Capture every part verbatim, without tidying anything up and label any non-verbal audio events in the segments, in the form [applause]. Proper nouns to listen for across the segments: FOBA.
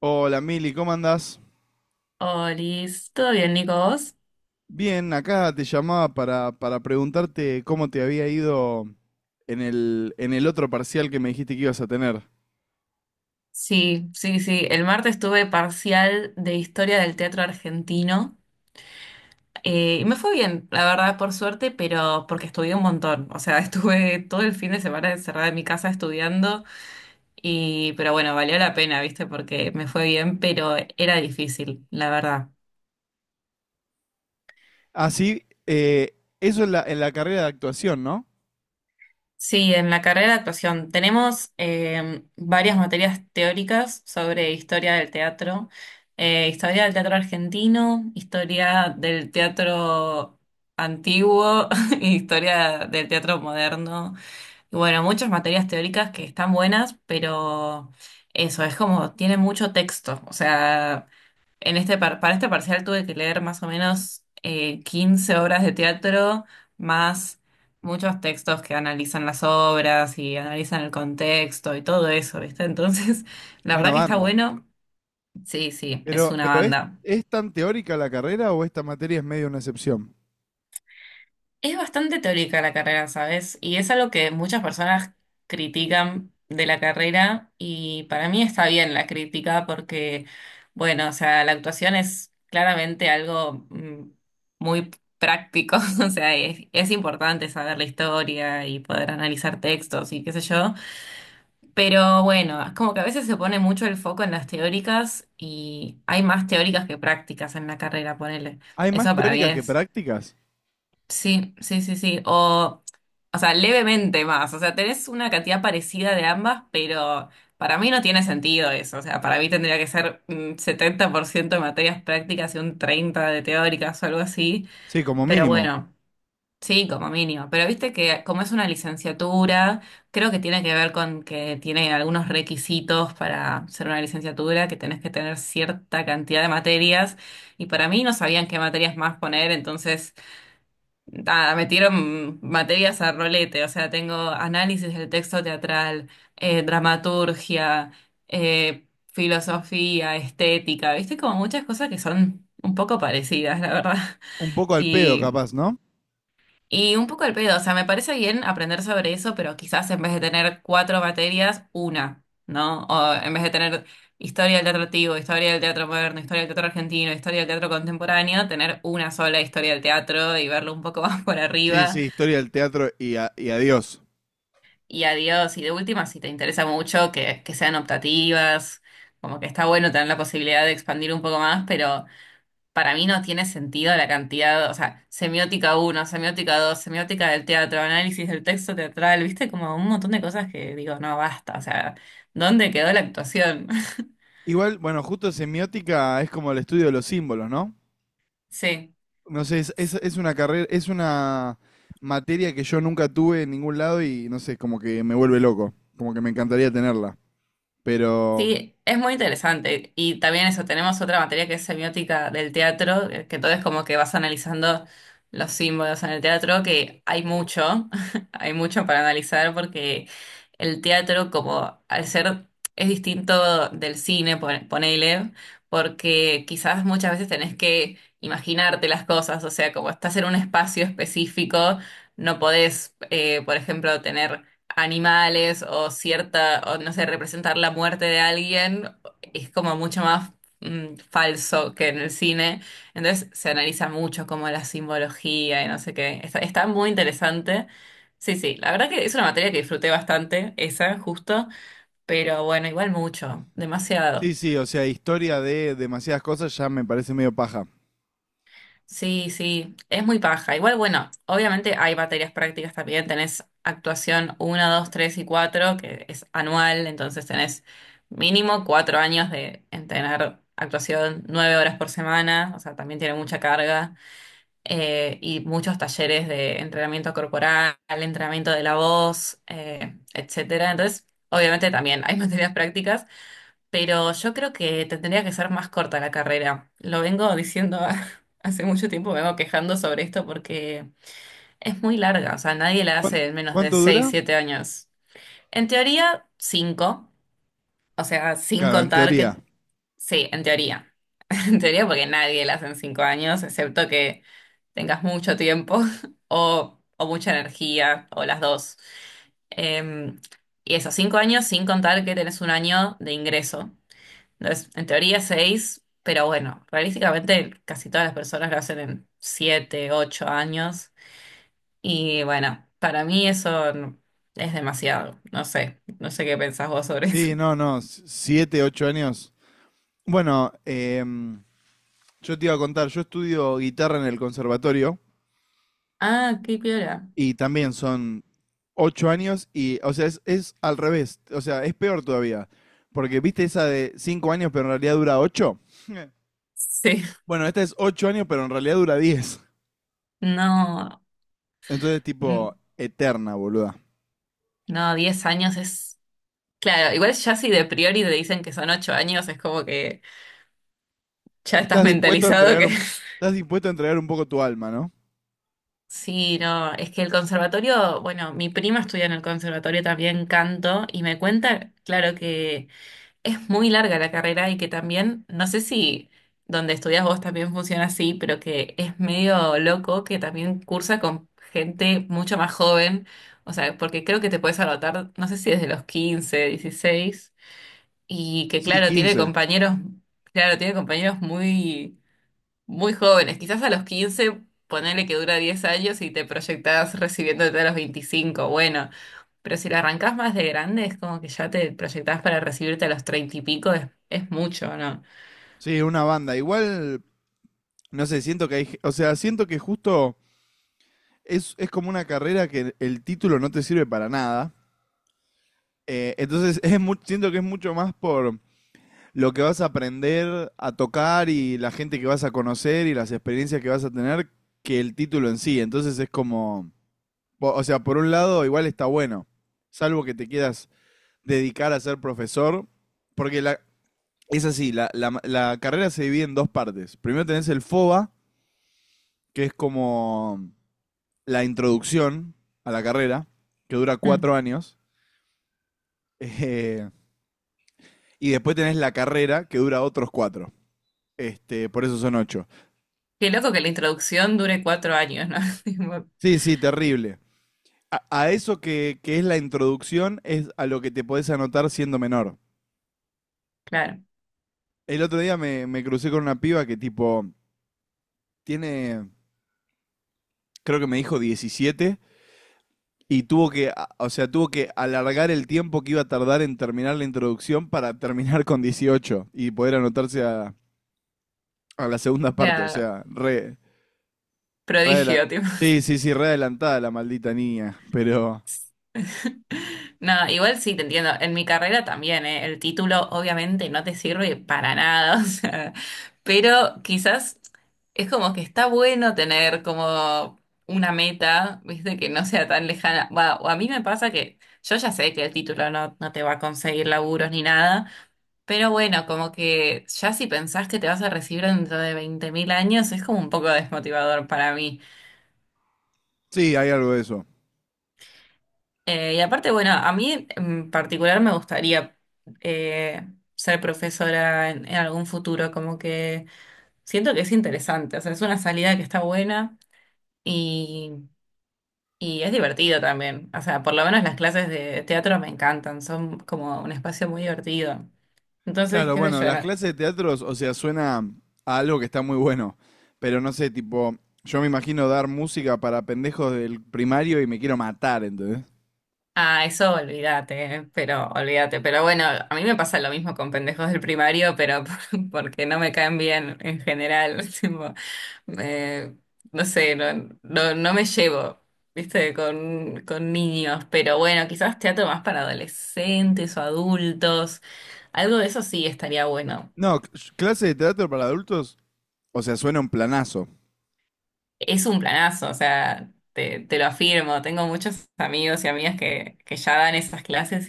Hola Mili, ¿cómo andás? Olis, ¿todo bien, Nico? ¿Vos? Bien, acá te llamaba para, para preguntarte cómo te había ido en el, en el otro parcial que me dijiste que ibas a tener. Sí, sí, sí. El martes tuve parcial de historia del teatro argentino, eh, y me fue bien, la verdad, por suerte, pero porque estudié un montón. O sea, [laughs] estuve todo el fin de semana encerrada en mi casa estudiando y, pero bueno, valió la pena, ¿viste? Porque me fue bien, pero era difícil, la verdad. Ah, sí, eh, eso en la, en la carrera de actuación, ¿no? Sí, en la carrera de actuación tenemos eh, varias materias teóricas sobre historia del teatro, eh, historia del teatro argentino, historia del teatro antiguo, [laughs] y historia del teatro moderno. Y bueno, muchas materias teóricas que están buenas, pero eso es como, tiene mucho texto. O sea, en este par- para este parcial tuve que leer más o menos eh, quince obras de teatro, más muchos textos que analizan las obras y analizan el contexto y todo eso, ¿viste? Entonces, [laughs] la Una verdad que está banda. bueno. Sí, sí, es Pero, una pero ¿es, banda. ¿es tan teórica la carrera o esta materia es medio una excepción? Es bastante teórica la carrera, ¿sabes? Y es algo que muchas personas critican de la carrera y para mí está bien la crítica porque, bueno, o sea, la actuación es claramente algo mm, muy práctico. [laughs] O sea, es, es importante saber la historia y poder analizar textos y qué sé yo, pero bueno, es como que a veces se pone mucho el foco en las teóricas y hay más teóricas que prácticas en la carrera, ponele. ¿Hay más Eso para mí teóricas que es. prácticas? Sí, sí, sí, sí. O, o sea, levemente más. O sea, tenés una cantidad parecida de ambas, pero para mí no tiene sentido eso. O sea, para mí tendría que ser un setenta por ciento de materias prácticas y un treinta por ciento de teóricas o algo así. Sí, como Pero mínimo. bueno, sí, como mínimo. Pero viste que como es una licenciatura, creo que tiene que ver con que tiene algunos requisitos para ser una licenciatura, que tenés que tener cierta cantidad de materias. Y para mí no sabían qué materias más poner, entonces. Nada, me tiro mm, materias a rolete, o sea, tengo análisis del texto teatral, eh, dramaturgia, eh, filosofía, estética, viste, como muchas cosas que son un poco parecidas, la verdad. Un poco [laughs] al pedo, Y, capaz, ¿no? y un poco el pedo, o sea, me parece bien aprender sobre eso, pero quizás en vez de tener cuatro materias, una, ¿no? O en vez de tener historia del teatro antiguo, historia del teatro moderno, historia del teatro argentino, historia del teatro contemporáneo, tener una sola historia del teatro y verlo un poco [laughs] más por Sí, sí, arriba. historia del teatro y, a- y adiós. Y adiós. Y de última, si te interesa mucho, que, que sean optativas, como que está bueno tener la posibilidad de expandir un poco más, pero para mí no tiene sentido la cantidad, o sea, semiótica uno, semiótica dos, semiótica del teatro, análisis del texto teatral, viste, como un montón de cosas que digo, no, basta, o sea, ¿dónde quedó la actuación? [laughs] Igual, bueno, justo semiótica es como el estudio de los símbolos, ¿no? Sí. No sé, es, es, es una carrera, es una materia que yo nunca tuve en ningún lado y no sé, como que me vuelve loco, como que me encantaría tenerla. Pero Sí, es muy interesante. Y también eso, tenemos otra materia que es semiótica del teatro, eh, que todo es como que vas analizando los símbolos en el teatro, que hay mucho, [laughs] hay mucho para analizar porque el teatro, como al ser, es distinto del cine, pon- ponele, porque quizás muchas veces tenés que imaginarte las cosas, o sea, como estás en un espacio específico, no podés, eh, por ejemplo, tener animales o cierta, o no sé, representar la muerte de alguien es como mucho más mm, falso que en el cine. Entonces se analiza mucho como la simbología y no sé qué. Está, está muy interesante. Sí, sí, la verdad que es una materia que disfruté bastante, esa, justo, pero bueno, igual mucho, sí, demasiado. sí, o sea, historia de demasiadas cosas ya me parece medio paja. Sí, sí, es muy paja. Igual, bueno, obviamente hay materias prácticas también. Tenés actuación uno, dos, tres y cuatro, que es anual, entonces tenés mínimo cuatro años de entrenar actuación nueve horas por semana, o sea, también tiene mucha carga. Eh, y muchos talleres de entrenamiento corporal, entrenamiento de la voz, eh, etcétera. Entonces, obviamente también hay [laughs] materias prácticas, pero yo creo que tendría que ser más corta la carrera. Lo vengo diciendo [laughs] hace mucho tiempo, me vengo quejando sobre esto porque es muy larga, o sea, nadie la ¿Cuán- hace en menos de ¿Cuánto seis dura? siete años. En teoría, cinco, o sea, sin Claro, en contar teoría. que. Sí, en teoría. [laughs] En teoría porque nadie la hace en cinco años, excepto que tengas mucho tiempo [laughs] o, o, mucha energía o las dos. Em, y esos cinco años sin contar que tenés un año de ingreso, entonces, en teoría seis, pero bueno, realísticamente casi todas las personas lo hacen en siete, ocho años. Y bueno, para mí eso no- es demasiado. No sé, no sé qué pensás vos sobre Sí, eso. no, [laughs] no, s- siete, ocho años. Bueno, em, yo te iba a contar, yo estudio guitarra en el conservatorio. Ah, qué piola. Y también son ocho años y, o sea, es, es al revés, o sea, es peor todavía. Porque viste esa de cinco años, pero en realidad dura ocho. [laughs] Sí, Bueno, esta es ocho años, pero en realidad dura diez. no, Entonces, tipo, mm, eterna, boluda. no, diez años es. Claro, igual ya si de priori te dicen que son ocho años, es como que ya estás Estás dispuesto a mentalizado entregar que. un, estás dispuesto a entregar un poco tu alma, ¿no? Sí, no, es que el conservatorio, bueno, mi prima estudia en el conservatorio también canto y me cuenta, claro, que es muy larga la carrera y que también, no sé si donde estudias vos también funciona así, pero que es medio loco que también cursa con gente mucho más joven, o sea, porque creo que te puedes anotar, no sé si desde los quince, dieciséis, y que Sí, claro, tiene quince. compañeros, claro, tiene compañeros muy muy jóvenes, quizás a los quince ponele que dura diez años y te proyectás recibiéndote a los veinticinco, bueno, pero si la arrancás más de grande es como que ya te proyectás para recibirte a los treinta y pico, es, es mucho, ¿no? Sí, una banda. Igual, no sé, siento que hay, ge- o sea, siento que justo es, es como una carrera que el título no te sirve para nada. Eh, entonces [laughs] es mu- siento que es mucho más por lo que vas a aprender a tocar y la gente que vas a conocer y las experiencias que vas a tener que el título en sí. Entonces es como, o sea, por un lado igual está bueno, salvo que te quieras dedicar a ser profesor, porque la, es así, la, la la carrera se divide en dos partes. Primero tenés el FOBA, que es como la introducción a la carrera, que dura Hmm. cuatro años. Eh, y después tenés la carrera que dura otros cuatro. Este, por eso son ocho. Qué loco que la introducción dure cuatro años, ¿no? [laughs] Tipo, Sí, sí, terrible. A, a eso que, que es la introducción es a lo que te podés anotar siendo menor. claro, El otro día me, me crucé con una piba que tipo tiene, creo que me dijo diecisiete y tuvo que, o sea, tuvo que alargar el tiempo que iba a tardar en terminar la introducción para terminar con dieciocho y poder anotarse a, a la segunda parte, o claro, sea, re, re adela- prodigio. Sí, sí, sí, re adelantada la maldita niña, pero No, igual sí, te entiendo. En mi carrera también, ¿eh? El título obviamente no te sirve para nada, [laughs] o sea, pero quizás es como que está bueno tener como una meta, ¿viste? Que no sea tan lejana. Va, o a mí me pasa que yo ya sé que el título no, no te va a conseguir laburos ni nada, pero bueno, como que ya si pensás que te vas a recibir dentro de veinte mil años, es como un poco desmotivador para mí. sí, hay algo de eso. Eh, y aparte, bueno, a mí en particular me gustaría eh, ser profesora en, en algún futuro, como que siento que es interesante, o sea, es una salida que está buena y, y es divertido también, o sea, por lo menos las clases de teatro me encantan, son como un espacio muy divertido. Entonces, Claro, qué sé bueno, yo. las clases de teatros, o sea, suena a algo que está muy bueno, pero no sé, tipo, yo me imagino dar música para pendejos del primario y me quiero matar, ¿entendés? Ah, eso olvídate, eh, pero olvídate. Pero bueno, a mí me pasa lo mismo con pendejos del primario, pero [laughs] porque no me caen bien en general. [laughs] Tipo, eh, no sé, no, no, no me llevo, viste, con, con niños. Pero bueno, quizás teatro más para adolescentes o adultos. Algo de eso sí estaría bueno. No, c- clase de teatro para adultos, o sea, suena un planazo. Es un planazo, o sea, te, te lo afirmo. Tengo muchos amigos y amigas que, que ya dan esas clases.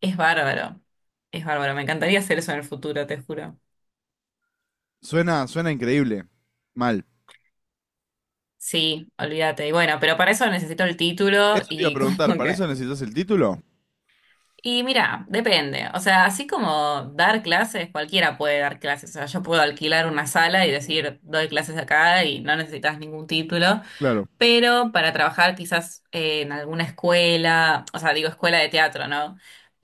Es bárbaro, es bárbaro. Me encantaría hacer eso en el futuro, te juro. Suena, suena increíble. Mal. Sí, olvídate. Y bueno, pero para eso necesito el título Eso te iba a y [laughs] preguntar, como ¿para eso que. necesitas el título? Y mira, depende. O sea, así como dar clases, cualquiera puede dar clases. O sea, yo puedo alquilar una sala y decir, doy clases acá y no necesitas ningún título. Claro, Pero para trabajar quizás eh, en alguna escuela, o sea, digo escuela de teatro, ¿no?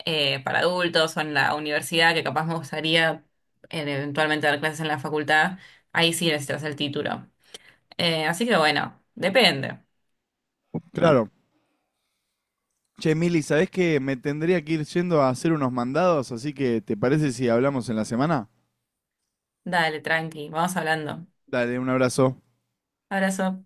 Eh, para adultos o en la universidad, que capaz me gustaría eh, eventualmente dar clases en la facultad, ahí sí necesitas el título. Eh, así que bueno, depende. claro. Che, Mili, ¿sabés que me tendría que ir yendo a hacer unos mandados? Así que, ¿te parece si hablamos en la semana? Dale, tranqui, vamos hablando. Dale, un abrazo. Abrazo.